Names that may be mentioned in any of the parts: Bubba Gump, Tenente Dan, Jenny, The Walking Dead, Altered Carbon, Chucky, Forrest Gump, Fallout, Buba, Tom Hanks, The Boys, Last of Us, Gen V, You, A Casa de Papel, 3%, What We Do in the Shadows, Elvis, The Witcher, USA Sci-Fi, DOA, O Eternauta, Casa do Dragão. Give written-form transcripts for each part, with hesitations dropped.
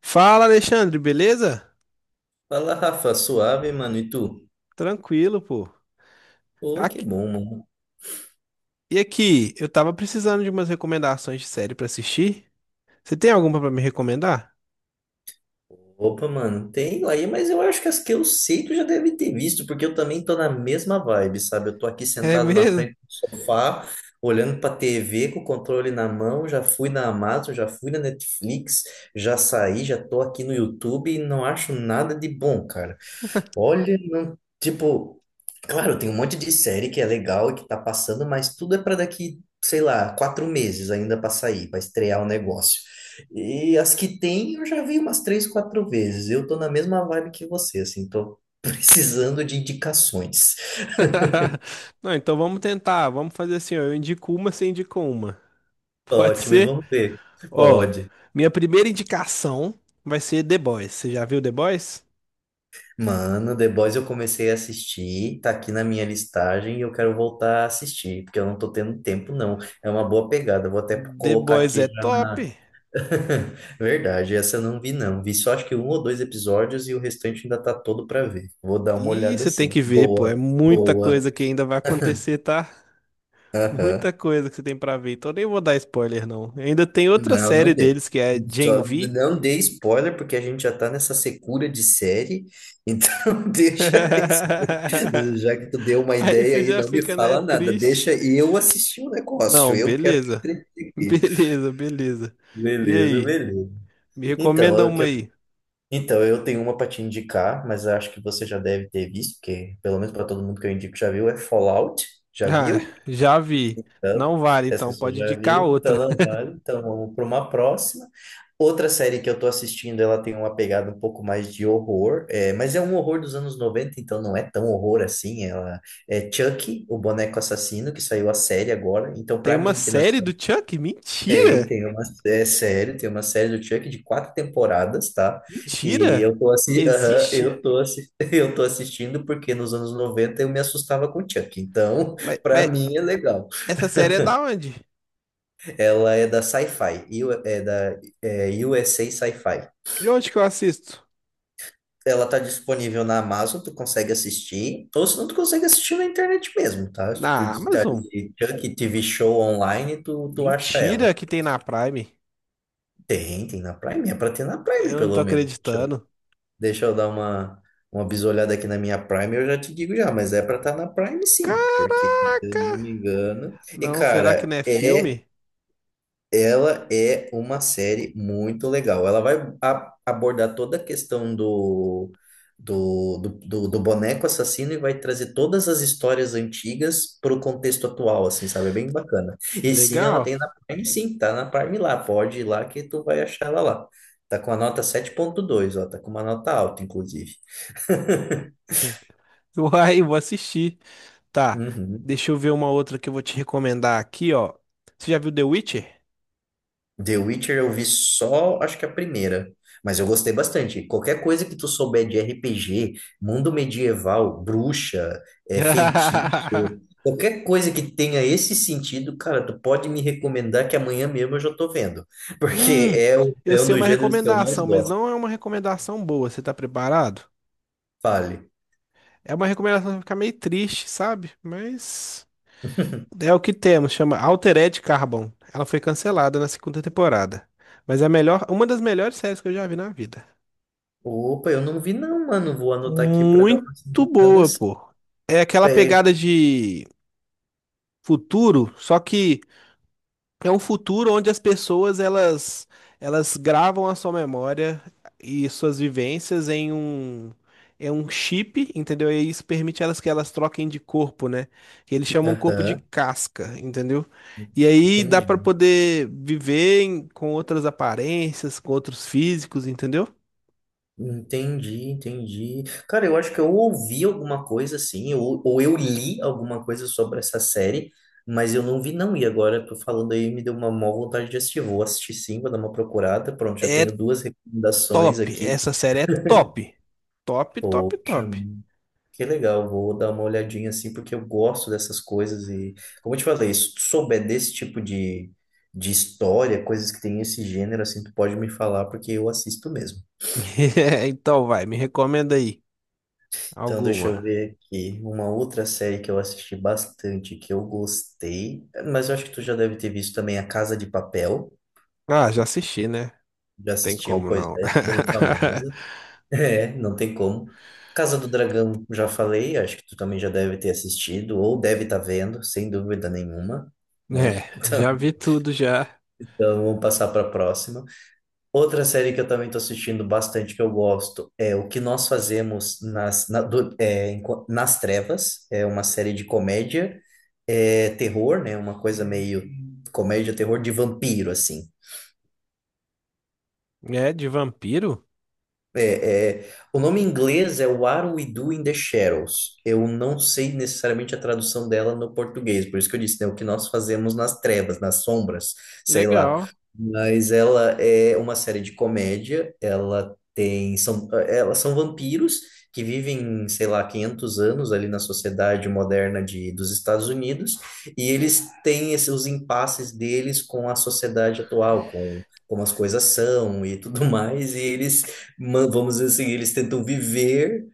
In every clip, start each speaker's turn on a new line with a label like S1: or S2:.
S1: Fala, Alexandre, beleza?
S2: Fala, Rafa, suave, mano, e tu?
S1: Tranquilo, pô.
S2: Ô, que
S1: Aqui-
S2: bom, mano.
S1: e aqui, eu tava precisando de umas recomendações de série pra assistir. Você tem alguma pra me recomendar?
S2: Opa, mano, tem aí, mas eu acho que as que eu sei tu já deve ter visto, porque eu também tô na mesma vibe, sabe? Eu tô aqui
S1: É
S2: sentado na
S1: mesmo?
S2: frente do sofá, olhando pra TV com o controle na mão, já fui na Amazon, já fui na Netflix, já saí, já tô aqui no YouTube e não acho nada de bom, cara. Olha, não, tipo, claro, tem um monte de série que é legal e que tá passando, mas tudo é pra daqui, sei lá, 4 meses ainda pra sair, pra estrear o negócio. E as que tem, eu já vi umas três, quatro vezes. Eu tô na mesma vibe que você, assim, tô precisando de indicações.
S1: Não, então vamos tentar. Vamos fazer assim, ó, eu indico uma, você indica uma. Pode
S2: Ótimo, e
S1: ser?
S2: vamos ver.
S1: Ó,
S2: Pode.
S1: minha primeira indicação vai ser The Boys. Você já viu The Boys?
S2: Mano, The Boys eu comecei a assistir, tá aqui na minha listagem e eu quero voltar a assistir, porque eu não tô tendo tempo, não. É uma boa pegada, eu vou até
S1: The
S2: colocar
S1: Boys
S2: aqui
S1: é
S2: já.
S1: top.
S2: Verdade, essa eu não vi não. Vi só acho que um ou dois episódios e o restante ainda tá todo pra ver. Vou dar uma
S1: E
S2: olhada
S1: você tem
S2: assim.
S1: que ver, pô, é
S2: Boa,
S1: muita
S2: boa.
S1: coisa que ainda vai acontecer, tá?
S2: Aham.
S1: Muita coisa que você tem pra ver, então nem vou dar spoiler, não. Ainda tem outra
S2: Não,
S1: série
S2: não dê.
S1: deles que é Gen
S2: Só
S1: V.
S2: não dê spoiler porque a gente já tá nessa secura de série. Então, deixa esse- já que tu deu uma
S1: Aí
S2: ideia
S1: você
S2: aí,
S1: já
S2: não me
S1: fica, né,
S2: fala nada.
S1: triste.
S2: Deixa eu assistir o negócio.
S1: Não,
S2: Eu quero me
S1: beleza.
S2: entreter aqui.
S1: Beleza, beleza. E
S2: Beleza,
S1: aí?
S2: beleza.
S1: Me recomenda
S2: Então,
S1: uma aí.
S2: Então, eu tenho uma para te indicar, mas eu acho que você já deve ter visto, porque pelo menos para todo mundo que eu indico já viu, é Fallout. Já
S1: Ah,
S2: viu?
S1: já vi.
S2: Então,
S1: Não vale,
S2: essa
S1: então
S2: pessoa
S1: pode
S2: já
S1: indicar
S2: viu, então
S1: outra.
S2: não vale. Então vamos para uma próxima. Outra série que eu tô assistindo, ela tem uma pegada um pouco mais de horror, é, mas é um horror dos anos 90, então não é tão horror assim. Ela é Chucky, o boneco assassino, que saiu a série agora. Então,
S1: Tem
S2: para
S1: uma
S2: mim, que nas
S1: série do Chuck?
S2: tem,
S1: Mentira!
S2: tem uma é série, tem uma série do Chuck de 4 temporadas, tá? E
S1: Mentira!
S2: eu tô assim, aham,
S1: Existe?
S2: eu tô assistindo porque nos anos 90 eu me assustava com o Chuck. Então,
S1: Mas,
S2: pra
S1: mas
S2: mim é legal.
S1: essa série é da onde?
S2: Ela é da Sci-Fi, e é da USA Sci-Fi.
S1: De onde que eu assisto?
S2: Ela tá disponível na Amazon, tu consegue assistir, ou se não, tu consegue assistir na internet mesmo, tá? Se tu
S1: Na
S2: digitar
S1: Amazon?
S2: ali Chuck TV Show online, tu acha ela.
S1: Mentira que tem na Prime.
S2: Tem na Prime, é pra ter na Prime,
S1: Eu não tô
S2: pelo menos.
S1: acreditando.
S2: Deixa eu dar uma bisolhada aqui na minha Prime, eu já te digo já, mas é pra estar na Prime sim, porque se eu não
S1: Caraca!
S2: me engano. E
S1: Não, será que
S2: cara,
S1: não é filme?
S2: ela é uma série muito legal. Ela vai abordar toda a questão do boneco assassino e vai trazer todas as histórias antigas para o contexto atual, assim, sabe? É bem bacana. E sim, ela
S1: Legal.
S2: tem na Prime, sim, tá na Prime lá. Pode ir lá que tu vai achar ela lá. Tá com a nota 7.2, ó, tá com uma nota alta, inclusive.
S1: Uai, vou assistir. Tá,
S2: Uhum.
S1: deixa eu ver uma outra que eu vou te recomendar aqui, ó. Você já viu The Witcher?
S2: The Witcher eu vi só, acho que a primeira. Mas eu gostei bastante. Qualquer coisa que tu souber de RPG, mundo medieval, bruxa, feitiço, qualquer coisa que tenha esse sentido, cara, tu pode me recomendar que amanhã mesmo eu já tô vendo. Porque
S1: Hum, eu
S2: é um
S1: sei
S2: dos
S1: uma
S2: gêneros que eu mais
S1: recomendação, mas
S2: gosto.
S1: não é uma recomendação boa. Você tá preparado?
S2: Fale.
S1: É uma recomendação que fica meio triste, sabe? Mas é o que temos, chama Altered Carbon. Ela foi cancelada na segunda temporada. Mas é a melhor, uma das melhores séries que eu já vi na vida.
S2: Opa, eu não vi não, mano. Vou anotar aqui pra dar uma
S1: Muito
S2: olhada.
S1: boa, pô. É aquela pegada de futuro, só que é um futuro onde as pessoas elas gravam a sua memória e suas vivências em um chip, entendeu? E isso permite elas que elas troquem de corpo, né? Que eles chamam corpo de
S2: Aham,
S1: casca, entendeu? E aí dá pra
S2: entendi.
S1: poder viver com outras aparências, com outros físicos, entendeu?
S2: Entendi, entendi. Cara, eu acho que eu ouvi alguma coisa assim, ou eu li alguma coisa sobre essa série, mas eu não vi não. E agora tô falando aí, me deu uma má vontade de assistir. Vou assistir sim, vou dar uma procurada. Pronto, já
S1: É
S2: tenho duas recomendações
S1: top,
S2: aqui.
S1: essa série é top. Top, top,
S2: Poxa,
S1: top.
S2: que legal. Vou dar uma olhadinha assim, porque eu gosto dessas coisas. E, como eu te falei, se tu souber desse tipo de história, coisas que tem esse gênero, assim, tu pode me falar, porque eu assisto mesmo.
S1: Então vai, me recomenda aí
S2: Então, deixa eu
S1: alguma.
S2: ver aqui. Uma outra série que eu assisti bastante, que eu gostei, mas eu acho que tu já deve ter visto também, A Casa de Papel.
S1: Ah, já assisti, né?
S2: Já
S1: Tem
S2: assistiu,
S1: como
S2: pois
S1: não.
S2: é, bem famosa. É, não tem como. Casa do Dragão, já falei, acho que tu também já deve ter assistido, ou deve estar vendo, sem dúvida nenhuma, né?
S1: É, já vi tudo já.
S2: Então, vamos passar para a próxima. Outra série que eu também estou assistindo bastante, que eu gosto, é O Que Nós Fazemos nas, na- do- é, enqu- nas Trevas. É uma série de comédia, terror, né? Uma coisa meio comédia, terror de vampiro, assim.
S1: É, de vampiro?
S2: É, o nome em inglês é What We Do in the Shadows. Eu não sei necessariamente a tradução dela no português, por isso que eu disse, né, o que nós fazemos nas trevas, nas sombras, sei lá.
S1: Legal.
S2: Mas ela é uma série de comédia, elas são vampiros que vivem, sei lá, 500 anos ali na sociedade moderna dos Estados Unidos, e eles têm esses, os impasses deles com a sociedade atual, com como as coisas são e tudo mais, e eles vamos dizer assim, eles tentam viver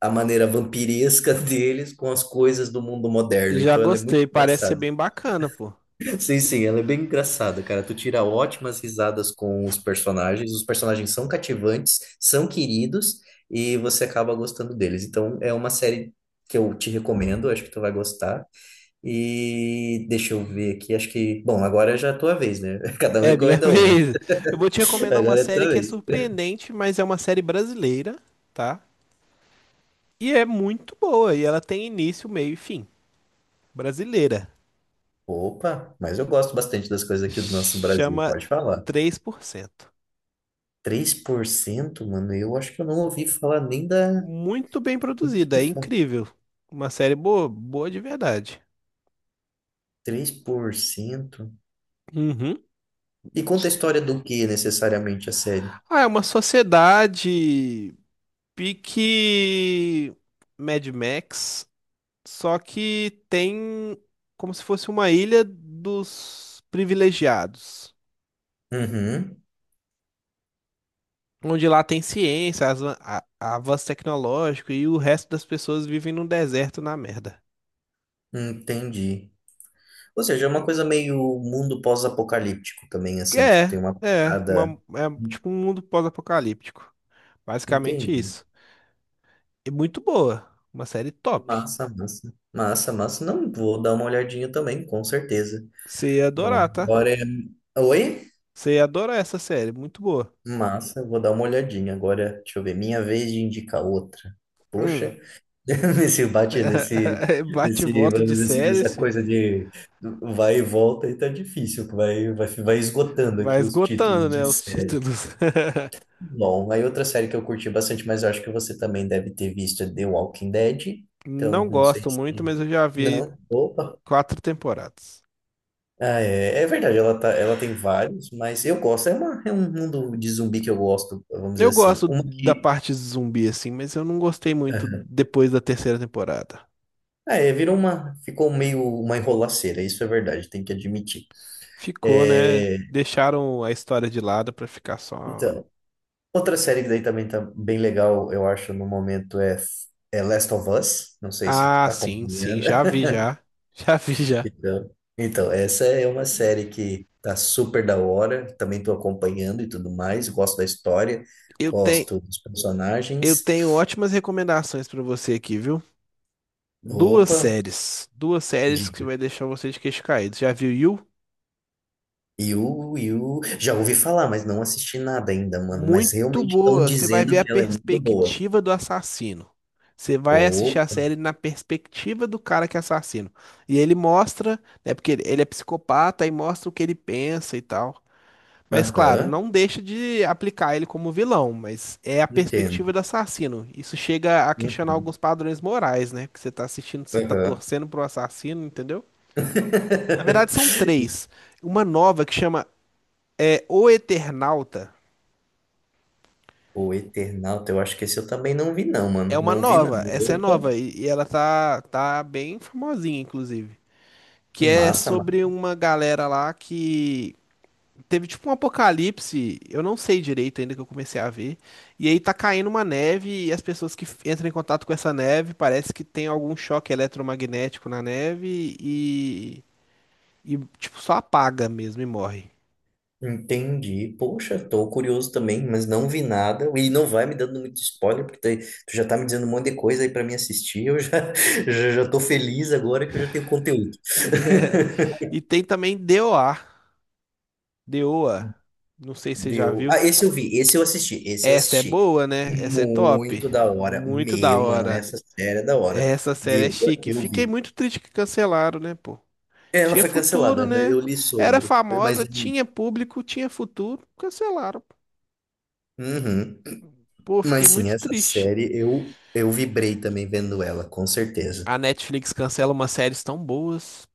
S2: a maneira vampiresca deles com as coisas do mundo moderno.
S1: Já
S2: Então ela é muito
S1: gostei, parece ser
S2: engraçada.
S1: bem bacana, pô.
S2: Sim, sim, ela é bem engraçada, cara. Tu tira ótimas risadas com os personagens. Os personagens são cativantes, são queridos e você acaba gostando deles. Então é uma série que eu te recomendo, acho que tu vai gostar. E deixa eu ver aqui, acho que, bom, agora já é a tua vez, né? Cada um
S1: É minha
S2: recomenda uma.
S1: vez. Eu vou te recomendar uma
S2: Agora é a
S1: série
S2: tua
S1: que é
S2: vez.
S1: surpreendente, mas é uma série brasileira, tá? E é muito boa, e ela tem início, meio e fim. Brasileira.
S2: Opa, mas eu gosto bastante das coisas aqui do nosso Brasil,
S1: Chama
S2: pode falar.
S1: 3%.
S2: 3%, mano, eu acho que eu não ouvi falar nem da.
S1: Muito bem
S2: O que
S1: produzida,
S2: que
S1: é
S2: fa-
S1: incrível. Uma série boa, boa de verdade.
S2: 3%.
S1: Uhum.
S2: E conta a história do que necessariamente a série?
S1: Ah, é uma sociedade pique Mad Max, só que tem como se fosse uma ilha dos privilegiados,
S2: Uhum,
S1: onde lá tem ciência, avanço tecnológico e o resto das pessoas vivem num deserto na merda.
S2: entendi. Ou seja, é uma coisa meio mundo pós-apocalíptico também, assim, tipo,
S1: É,
S2: tem uma
S1: é,
S2: parada.
S1: uma- é tipo um mundo pós-apocalíptico. Basicamente
S2: Entendi.
S1: isso. E muito boa, uma série top.
S2: Massa, massa. Massa, massa. Não, vou dar uma olhadinha também, com certeza.
S1: Você ia adorar,
S2: Bom,
S1: tá?
S2: agora é. Oi?
S1: Você ia adorar essa série, muito boa.
S2: Massa, eu vou dar uma olhadinha agora. Deixa eu ver, minha vez de indicar outra.
S1: Hum.
S2: Poxa, nesse bate,
S1: Bate e volta
S2: vamos
S1: de
S2: dizer assim,
S1: série,
S2: nessa
S1: esse.
S2: coisa de vai e volta, e tá difícil, vai esgotando
S1: Vai
S2: aqui os títulos
S1: esgotando,
S2: de
S1: né, os
S2: série.
S1: títulos.
S2: Bom, aí outra série que eu curti bastante, mas eu acho que você também deve ter visto é The Walking Dead. Então,
S1: Não
S2: não sei
S1: gosto
S2: se.
S1: muito, mas eu já vi
S2: Não, opa.
S1: quatro temporadas.
S2: Ah, é verdade, ela tem vários, mas eu gosto. É um mundo de zumbi que eu gosto, vamos dizer
S1: Eu
S2: assim.
S1: gosto
S2: Uma
S1: da
S2: que.
S1: parte zumbi, assim, mas eu não gostei muito depois da terceira temporada.
S2: É, virou uma, ficou meio uma enrolaceira, isso é verdade, tem que admitir.
S1: Ficou, né?
S2: É,
S1: Deixaram a história de lado pra ficar só.
S2: então, outra série que daí também tá bem legal, eu acho, no momento é Last of Us, não sei se tu
S1: Ah,
S2: tá
S1: sim, sim,
S2: acompanhando.
S1: já vi já. Já vi já.
S2: Então, então, essa é uma série que tá super da hora, também tô acompanhando e tudo mais, gosto da história,
S1: Eu tenho,
S2: gosto dos
S1: eu
S2: personagens.
S1: tenho ótimas recomendações pra você aqui, viu? Duas
S2: Opa,
S1: séries. Duas séries que
S2: diga.
S1: vai deixar você de queixo caído. Já viu You?
S2: Já ouvi falar, mas não assisti nada ainda, mano. Mas
S1: Muito
S2: realmente estão
S1: boa. Você vai ver
S2: dizendo
S1: a
S2: que ela é muito boa.
S1: perspectiva do assassino. Você vai assistir a
S2: Ou,
S1: série na perspectiva do cara que é assassino. E ele mostra, né? Porque ele é psicopata e mostra o que ele pensa e tal. Mas claro,
S2: aham,
S1: não deixa de aplicar ele como vilão, mas é a perspectiva do
S2: entendo.
S1: assassino. Isso chega a questionar
S2: Uhum,
S1: alguns padrões morais, né? Porque você tá assistindo, você tá
S2: aham.
S1: torcendo pro assassino, entendeu? Na verdade, são três. Uma nova que chama O Eternauta.
S2: O Eternauta, eu acho que esse eu também não vi, não,
S1: É
S2: mano.
S1: uma
S2: Não vi, não.
S1: nova, essa é nova
S2: Opa,
S1: e ela tá bem famosinha, inclusive. Que é
S2: massa, mano.
S1: sobre uma galera lá que teve tipo um apocalipse, eu não sei direito ainda que eu comecei a ver. E aí tá caindo uma neve e as pessoas que entram em contato com essa neve parece que tem algum choque eletromagnético na neve e tipo só apaga mesmo e morre.
S2: Entendi. Poxa, tô curioso também, mas não vi nada. E não vai me dando muito spoiler, porque tu já tá me dizendo um monte de coisa aí pra mim assistir. Eu já, já tô feliz agora que eu já tenho conteúdo.
S1: E, é- e tem também DOA, DOA, não sei se você já
S2: Deu. Ah,
S1: viu.
S2: esse eu vi, esse eu assisti, esse eu
S1: Essa é
S2: assisti.
S1: boa, né?
S2: Uhum.
S1: Essa é top.
S2: Muito da hora.
S1: Muito da
S2: Meu, mano,
S1: hora.
S2: essa série é da hora.
S1: Essa série é
S2: Deu,
S1: chique.
S2: eu
S1: Fiquei
S2: vi.
S1: muito triste que cancelaram, né, pô?
S2: Ela
S1: Tinha
S2: foi
S1: futuro,
S2: cancelada, né?
S1: né?
S2: Eu li
S1: Era
S2: sobre. Mas,
S1: famosa, tinha público, tinha futuro. Cancelaram.
S2: uhum.
S1: Pô, fiquei
S2: Mas sim,
S1: muito
S2: essa
S1: triste.
S2: série eu vibrei também vendo ela, com certeza.
S1: A Netflix cancela umas séries tão boas.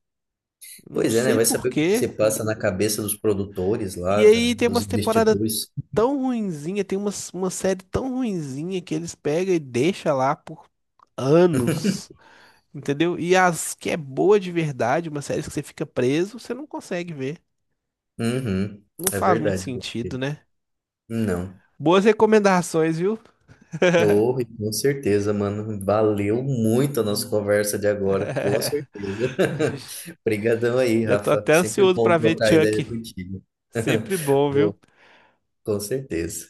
S1: Não
S2: Pois é, né?
S1: sei
S2: Vai
S1: por
S2: saber o que
S1: quê.
S2: você passa na cabeça dos produtores
S1: E
S2: lá,
S1: aí tem
S2: dos
S1: umas temporadas
S2: investidores.
S1: tão ruinzinha, uma série tão ruinzinha que eles pegam e deixam lá por anos. Entendeu? E as que é boa de verdade, uma série que você fica preso, você não consegue ver.
S2: Uhum.
S1: Não
S2: É
S1: faz muito
S2: verdade, meu
S1: sentido,
S2: querido.
S1: né?
S2: Não.
S1: Boas recomendações, viu?
S2: Oh, e com certeza, mano. Valeu muito a nossa conversa de agora, com certeza. Obrigadão aí,
S1: Já tô
S2: Rafa.
S1: até
S2: Sempre
S1: ansioso
S2: bom
S1: pra ver
S2: trocar ideia
S1: Chuck.
S2: contigo.
S1: Sempre bom,
S2: Boa,
S1: viu?
S2: com certeza.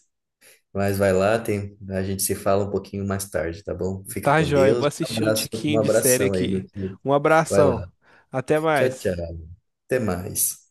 S2: Mas vai lá, tem, a gente se fala um pouquinho mais tarde, tá bom? Fica
S1: Tá
S2: com
S1: joia, vou
S2: Deus. Um
S1: assistir um
S2: abraço, um
S1: tiquinho de série
S2: abração aí, meu
S1: aqui.
S2: querido.
S1: Um
S2: Vai lá.
S1: abração. Até
S2: Tchau,
S1: mais.
S2: tchau. Até mais.